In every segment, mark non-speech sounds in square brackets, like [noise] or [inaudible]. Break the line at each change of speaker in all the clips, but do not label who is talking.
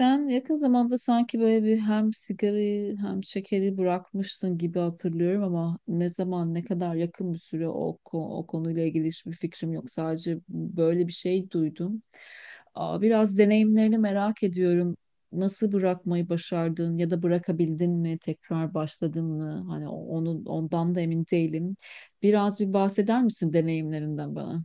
Sen yakın zamanda sanki böyle bir hem sigarayı hem şekeri bırakmışsın gibi hatırlıyorum ama ne zaman, ne kadar yakın bir süre o konuyla ilgili hiçbir fikrim yok. Sadece böyle bir şey duydum. Biraz deneyimlerini merak ediyorum. Nasıl bırakmayı başardın ya da bırakabildin mi? Tekrar başladın mı? Hani o- onun ondan da emin değilim. Biraz bir bahseder misin deneyimlerinden bana?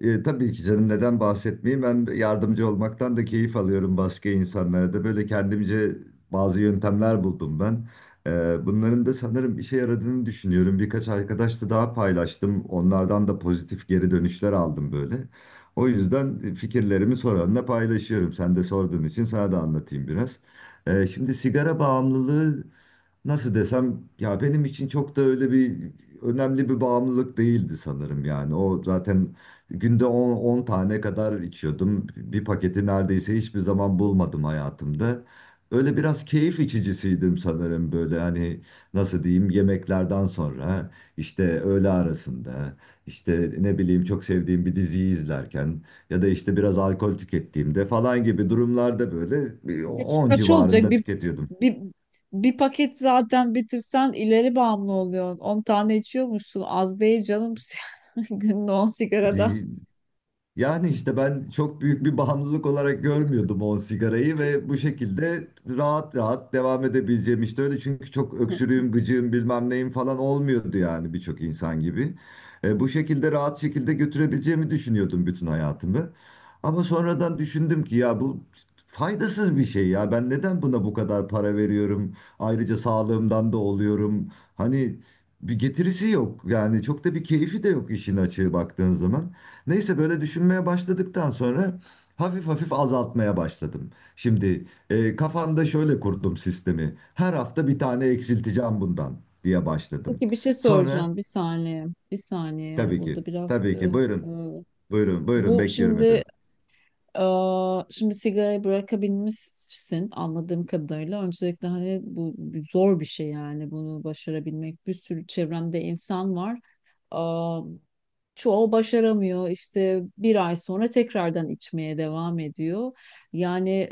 Tabii ki canım, neden bahsetmeyeyim? Ben yardımcı olmaktan da keyif alıyorum, başka insanlara da. Böyle kendimce bazı yöntemler buldum ben. Bunların da sanırım işe yaradığını düşünüyorum. Birkaç arkadaşla daha paylaştım. Onlardan da pozitif geri dönüşler aldım böyle. O yüzden fikirlerimi soranla paylaşıyorum. Sen de sorduğun için sana da anlatayım biraz. Şimdi sigara bağımlılığı nasıl desem ya, benim için çok da öyle bir önemli bir bağımlılık değildi sanırım yani. O zaten günde 10 tane kadar içiyordum. Bir paketi neredeyse hiçbir zaman bulmadım hayatımda. Öyle biraz keyif içicisiydim sanırım, böyle hani nasıl diyeyim, yemeklerden sonra, işte öğle arasında, işte ne bileyim, çok sevdiğim bir diziyi izlerken ya da işte biraz alkol tükettiğimde falan gibi durumlarda böyle bir
Kaç,
10
kaç olacak?
civarında tüketiyordum.
Bir, bir paket zaten bitirsen ileri bağımlı oluyorsun. On tane içiyormuşsun. Az değil canım. [laughs] Günde 10 sigaradan.
Yani işte ben çok büyük bir bağımlılık olarak görmüyordum o sigarayı ve bu şekilde rahat rahat devam edebileceğim, işte öyle, çünkü çok öksürüğüm, gıcığım, bilmem neyim falan olmuyordu yani birçok insan gibi. Bu şekilde rahat şekilde götürebileceğimi düşünüyordum bütün hayatımı. Ama sonradan düşündüm ki ya bu faydasız bir şey, ya ben neden buna bu kadar para veriyorum? Ayrıca sağlığımdan da oluyorum. Hani bir getirisi yok yani, çok da bir keyfi de yok işin açığı, baktığın zaman. Neyse böyle düşünmeye başladıktan sonra hafif hafif azaltmaya başladım. Şimdi kafamda şöyle kurdum sistemi. Her hafta bir tane eksilteceğim bundan diye başladım.
Peki bir şey
Sonra
soracağım. Bir saniye. Bir saniye yani
tabii ki,
burada biraz...
tabii ki,
e,
buyurun, buyurun, buyurun,
bu
bekliyorum
şimdi.
efendim.
Şimdi sigarayı bırakabilmişsin anladığım kadarıyla. Öncelikle hani bu zor bir şey, yani bunu başarabilmek. Bir sürü çevremde insan var. Eee, Çoğu başaramıyor. İşte bir ay sonra tekrardan içmeye devam ediyor. Yani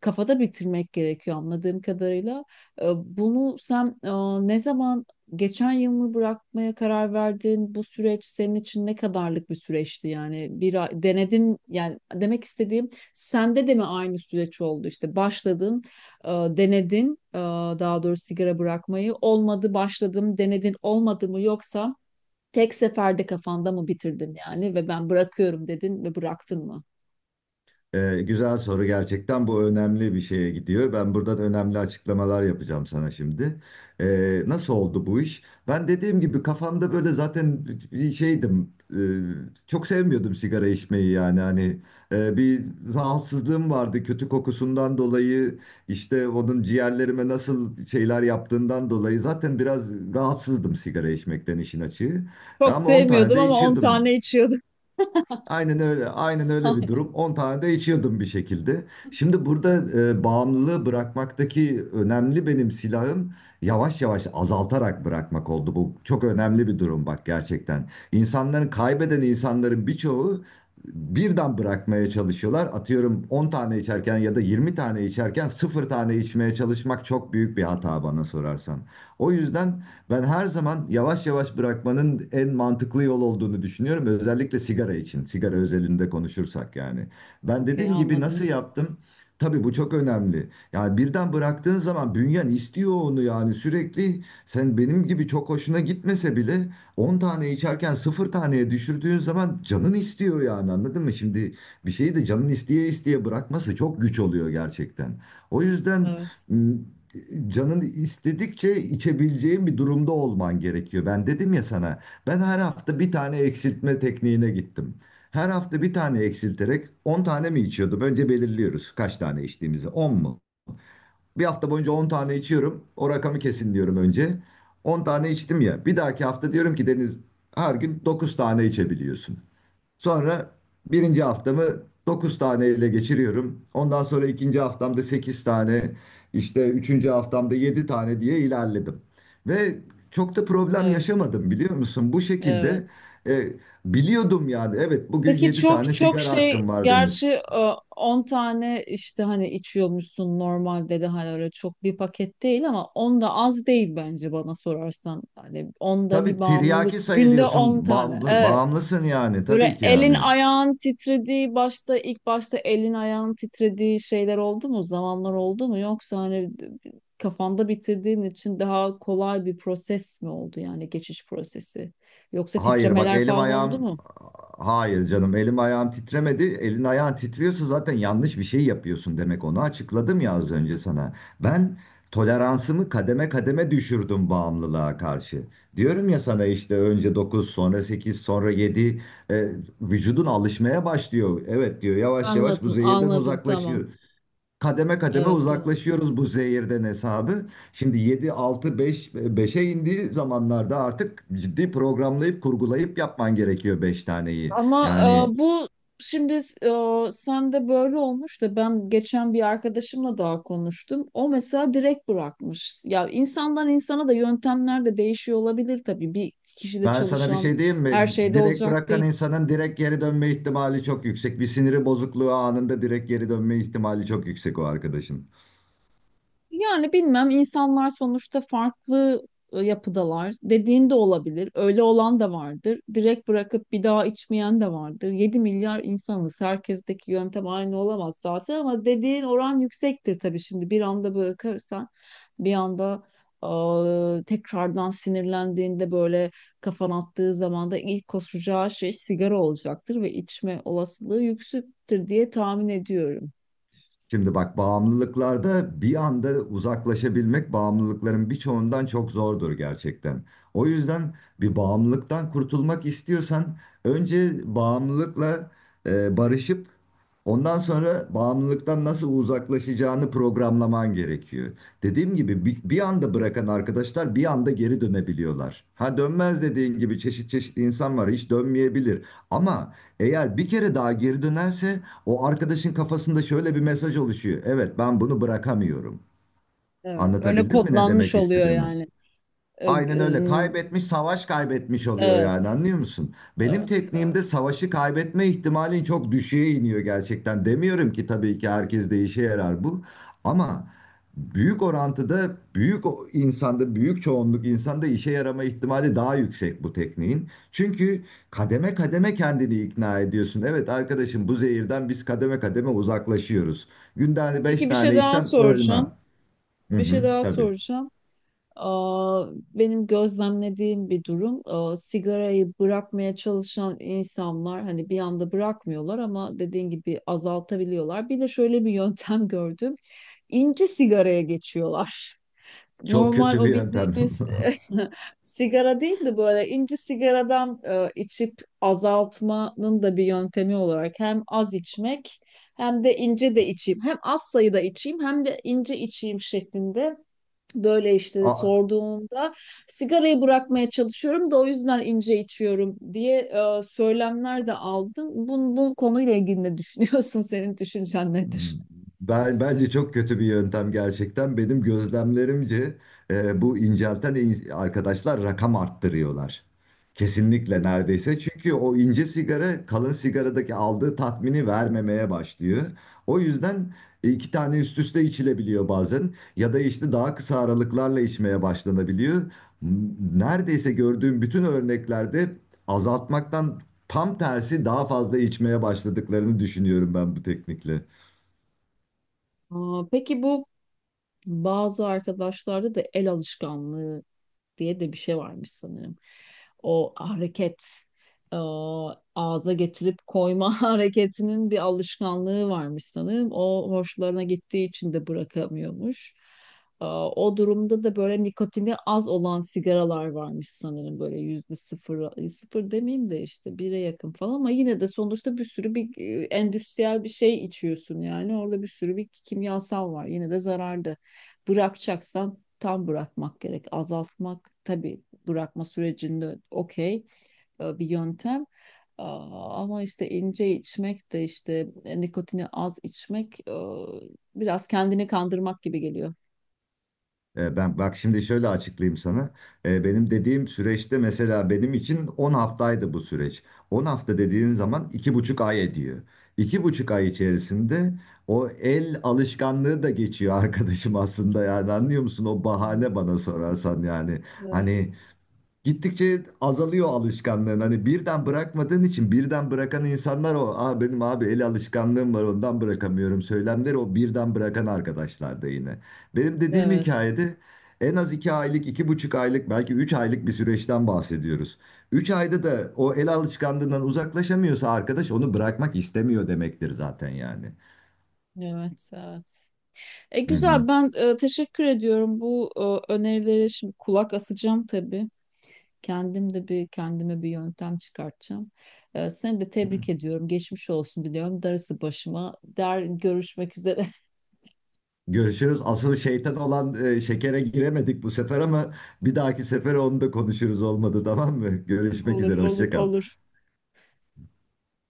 kafada bitirmek gerekiyor anladığım kadarıyla. Bunu sen ne zaman, geçen yıl mı bırakmaya karar verdin? Bu süreç senin için ne kadarlık bir süreçti yani? Bir ay- denedin, yani demek istediğim sende de mi aynı süreç oldu? İşte başladın, denedin, daha doğrusu sigara bırakmayı olmadı, başladım, denedin, olmadı mı, yoksa tek seferde kafanda mı bitirdin yani ve ben bırakıyorum dedin ve bıraktın mı?
Güzel soru gerçekten, bu önemli bir şeye gidiyor. Ben buradan önemli açıklamalar yapacağım sana şimdi. Nasıl oldu bu iş? Ben dediğim gibi kafamda böyle zaten bir şeydim. Çok sevmiyordum sigara içmeyi yani, hani bir rahatsızlığım vardı kötü kokusundan dolayı, işte onun ciğerlerime nasıl şeyler yaptığından dolayı zaten biraz rahatsızdım sigara içmekten işin açığı.
Çok
Ama 10 tane
sevmiyordum
de
ama 10
içiyordum.
tane içiyordum.
Aynen öyle. Aynen
[laughs]
öyle bir
Aynen.
durum. 10 tane de içiyordum bir şekilde. Şimdi burada bağımlılığı bırakmaktaki önemli benim silahım yavaş yavaş azaltarak bırakmak oldu. Bu çok önemli bir durum bak, gerçekten. İnsanların kaybeden insanların birçoğu birden bırakmaya çalışıyorlar. Atıyorum 10 tane içerken ya da 20 tane içerken 0 tane içmeye çalışmak çok büyük bir hata bana sorarsan. O yüzden ben her zaman yavaş yavaş bırakmanın en mantıklı yol olduğunu düşünüyorum. Özellikle sigara için, sigara özelinde konuşursak yani. Ben
Okey,
dediğim gibi,
anladım.
nasıl yaptım? Tabii bu çok önemli. Yani birden bıraktığın zaman bünyen istiyor onu yani sürekli. Sen benim gibi çok hoşuna gitmese bile 10 tane içerken 0 taneye düşürdüğün zaman canın istiyor yani, anladın mı? Şimdi bir şeyi de canın isteye isteye bırakması çok güç oluyor gerçekten. O yüzden
Evet.
m, canın istedikçe içebileceğin bir durumda olman gerekiyor. Ben dedim ya sana, ben her hafta bir tane eksiltme tekniğine gittim. Her hafta bir tane eksilterek 10 tane mi içiyordum? Önce belirliyoruz kaç tane içtiğimizi. 10 mu? Bir hafta boyunca 10 tane içiyorum. O rakamı kesin diyorum önce. 10 tane içtim ya. Bir dahaki hafta diyorum ki Deniz, her gün 9 tane içebiliyorsun. Sonra birinci haftamı 9 tane ile geçiriyorum. Ondan sonra ikinci haftamda 8 tane, işte üçüncü haftamda 7 tane diye ilerledim. Ve çok da problem
Evet.
yaşamadım, biliyor musun? Bu şekilde
Evet.
e, biliyordum yani. Evet, bugün
Peki
7
çok
tane
çok
sigara
şey
hakkım var Deniz.
gerçi 10 tane işte hani içiyormuşsun normalde de, hani öyle çok bir paket değil ama 10 da az değil bence bana sorarsan. Hani 10 da
Tabii
bir bağımlılık.
tiryaki
Günde 10
sayılıyorsun,
tane.
bağımlı,
Evet.
bağımlısın yani,
Böyle
tabii ki
elin
yani.
ayağın titrediği başta, ilk başta elin ayağın titrediği şeyler oldu mu? Zamanlar oldu mu? Yoksa hani kafanda bitirdiğin için daha kolay bir proses mi oldu, yani geçiş prosesi? Yoksa
Hayır bak,
titremeler
elim
falan oldu
ayağım,
mu?
hayır canım, elim ayağım titremedi. Elin ayağın titriyorsa zaten yanlış bir şey yapıyorsun demek, onu açıkladım ya az önce sana. Ben toleransımı kademe kademe düşürdüm bağımlılığa karşı. Diyorum ya sana işte önce dokuz, sonra sekiz, sonra yedi, e, vücudun alışmaya başlıyor. Evet diyor, yavaş yavaş bu
Anladım,
zehirden
anladım, tamam.
uzaklaşıyor, kademe kademe
Evet, tamam.
uzaklaşıyoruz bu zehirden hesabı. Şimdi 7 6 beş, beşe indiği zamanlarda artık ciddi programlayıp kurgulayıp yapman gerekiyor 5 taneyi.
Ama
Yani
bu şimdi, sende böyle olmuş da ben geçen bir arkadaşımla daha konuştum. O mesela direkt bırakmış. Ya insandan insana da yöntemler de değişiyor olabilir tabii. Bir kişide
ben sana bir
çalışan
şey diyeyim
her
mi?
şeyde
Direkt
olacak
bırakan
değil.
insanın direkt geri dönme ihtimali çok yüksek. Bir siniri bozukluğu anında direkt geri dönme ihtimali çok yüksek o arkadaşın.
Yani bilmem, insanlar sonuçta farklı yapıdalar. Dediğin de olabilir. Öyle olan da vardır. Direkt bırakıp bir daha içmeyen de vardır. Yedi milyar insanız. Herkesteki yöntem aynı olamaz zaten ama dediğin oran yüksektir tabii şimdi. Bir anda bırakırsan, bir anda tekrardan sinirlendiğinde, böyle kafan attığı zaman da ilk koşacağı şey sigara olacaktır ve içme olasılığı yüksektir diye tahmin ediyorum.
Şimdi bak bağımlılıklarda bir anda uzaklaşabilmek bağımlılıkların birçoğundan çok zordur gerçekten. O yüzden bir bağımlılıktan kurtulmak istiyorsan önce bağımlılıkla barışıp ondan sonra bağımlılıktan nasıl uzaklaşacağını programlaman gerekiyor. Dediğim gibi bir anda bırakan arkadaşlar bir anda geri dönebiliyorlar. Ha, dönmez dediğin gibi, çeşit çeşit insan var, hiç dönmeyebilir. Ama eğer bir kere daha geri dönerse o arkadaşın kafasında şöyle bir mesaj oluşuyor: evet, ben bunu bırakamıyorum.
Evet, öyle
Anlatabildim mi ne
kodlanmış
demek
oluyor
istediğimi?
yani. E,
Aynen öyle.
e,
Kaybetmiş, savaş kaybetmiş oluyor yani,
Evet,
anlıyor musun? Benim
evet,
tekniğimde
evet.
savaşı kaybetme ihtimalin çok düşüğe iniyor gerçekten. Demiyorum ki tabii ki herkes de işe yarar bu. Ama büyük orantıda büyük insanda, büyük çoğunluk insanda işe yarama ihtimali daha yüksek bu tekniğin. Çünkü kademe kademe kendini ikna ediyorsun. Evet arkadaşım, bu zehirden biz kademe kademe uzaklaşıyoruz. Günde hani 5
Peki bir şey
tane
daha
içsem
soracağım.
ölmem. Hı
Bir şey
hı,
daha
tabii.
soracağım. Aa, Benim gözlemlediğim bir durum, sigarayı bırakmaya çalışan insanlar hani bir anda bırakmıyorlar ama dediğin gibi azaltabiliyorlar. Bir de şöyle bir yöntem [laughs] gördüm, İnce sigaraya geçiyorlar.
Çok
Normal
kötü bir
o
yöntem.
bildiğimiz [laughs] sigara değil de böyle inci sigaradan içip azaltmanın da bir yöntemi olarak, hem az içmek hem de ince de içeyim. Hem az sayıda içeyim hem de ince içeyim şeklinde, böyle işte
[laughs] A-
sorduğunda sigarayı bırakmaya çalışıyorum da o yüzden ince içiyorum diye söylemler de aldım. Bu konuyla ilgili ne düşünüyorsun? [laughs] Senin düşüncen nedir?
Ben bence çok kötü bir yöntem gerçekten. Benim gözlemlerimce bu incelten arkadaşlar rakam arttırıyorlar. Kesinlikle neredeyse. Çünkü o ince sigara kalın sigaradaki aldığı tatmini vermemeye başlıyor. O yüzden 2 tane üst üste içilebiliyor bazen ya da işte daha kısa aralıklarla içmeye başlanabiliyor. Neredeyse gördüğüm bütün örneklerde azaltmaktan tam tersi daha fazla içmeye başladıklarını düşünüyorum ben bu teknikle.
Peki bu bazı arkadaşlarda da el alışkanlığı diye de bir şey varmış sanırım. O hareket, e, ağza getirip koyma [laughs] hareketinin bir alışkanlığı varmış sanırım. O hoşlarına gittiği için de bırakamıyormuş. O durumda da böyle nikotini az olan sigaralar varmış sanırım, böyle yüzde sıfır, sıfır demeyeyim de işte bire yakın falan ama yine de sonuçta bir sürü bir endüstriyel bir şey içiyorsun, yani orada bir sürü bir kimyasal var, yine de zararlı. Bırakacaksan tam bırakmak gerek. Azaltmak tabii bırakma sürecinde okey bir yöntem. Ama işte ince içmek de, işte nikotini az içmek biraz kendini kandırmak gibi geliyor.
Ben bak şimdi şöyle açıklayayım sana. Benim dediğim süreçte mesela benim için 10 haftaydı bu süreç. 10 hafta dediğin zaman 2,5 ay ediyor. 2,5 ay içerisinde o el alışkanlığı da geçiyor [laughs] arkadaşım aslında, yani anlıyor musun? O bahane bana sorarsan yani.
Evet,
Hani gittikçe azalıyor alışkanlığın. Hani birden bırakmadığın için, birden bırakan insanlar o. Aa, benim abi el alışkanlığım var, ondan bırakamıyorum. Söylemleri o birden bırakan arkadaşlar da yine. Benim dediğim
evet,
hikayede en az 2 aylık, 2,5 aylık, belki 3 aylık bir süreçten bahsediyoruz. 3 ayda da o el alışkanlığından uzaklaşamıyorsa arkadaş onu bırakmak istemiyor demektir zaten yani.
evet. E
Hı hı.
güzel, ben teşekkür ediyorum bu önerileri, şimdi kulak asacağım tabii. Kendim de bir, kendime bir yöntem çıkartacağım. Seni de tebrik ediyorum. Geçmiş olsun diliyorum. Darısı başıma. Der görüşmek üzere. [laughs]
Görüşürüz. Asıl şeytan olan şekere giremedik bu sefer ama bir dahaki sefere onu da konuşuruz olmadı, tamam mı? Görüşmek
Olur,
üzere.
olur,
Hoşça kal.
olur.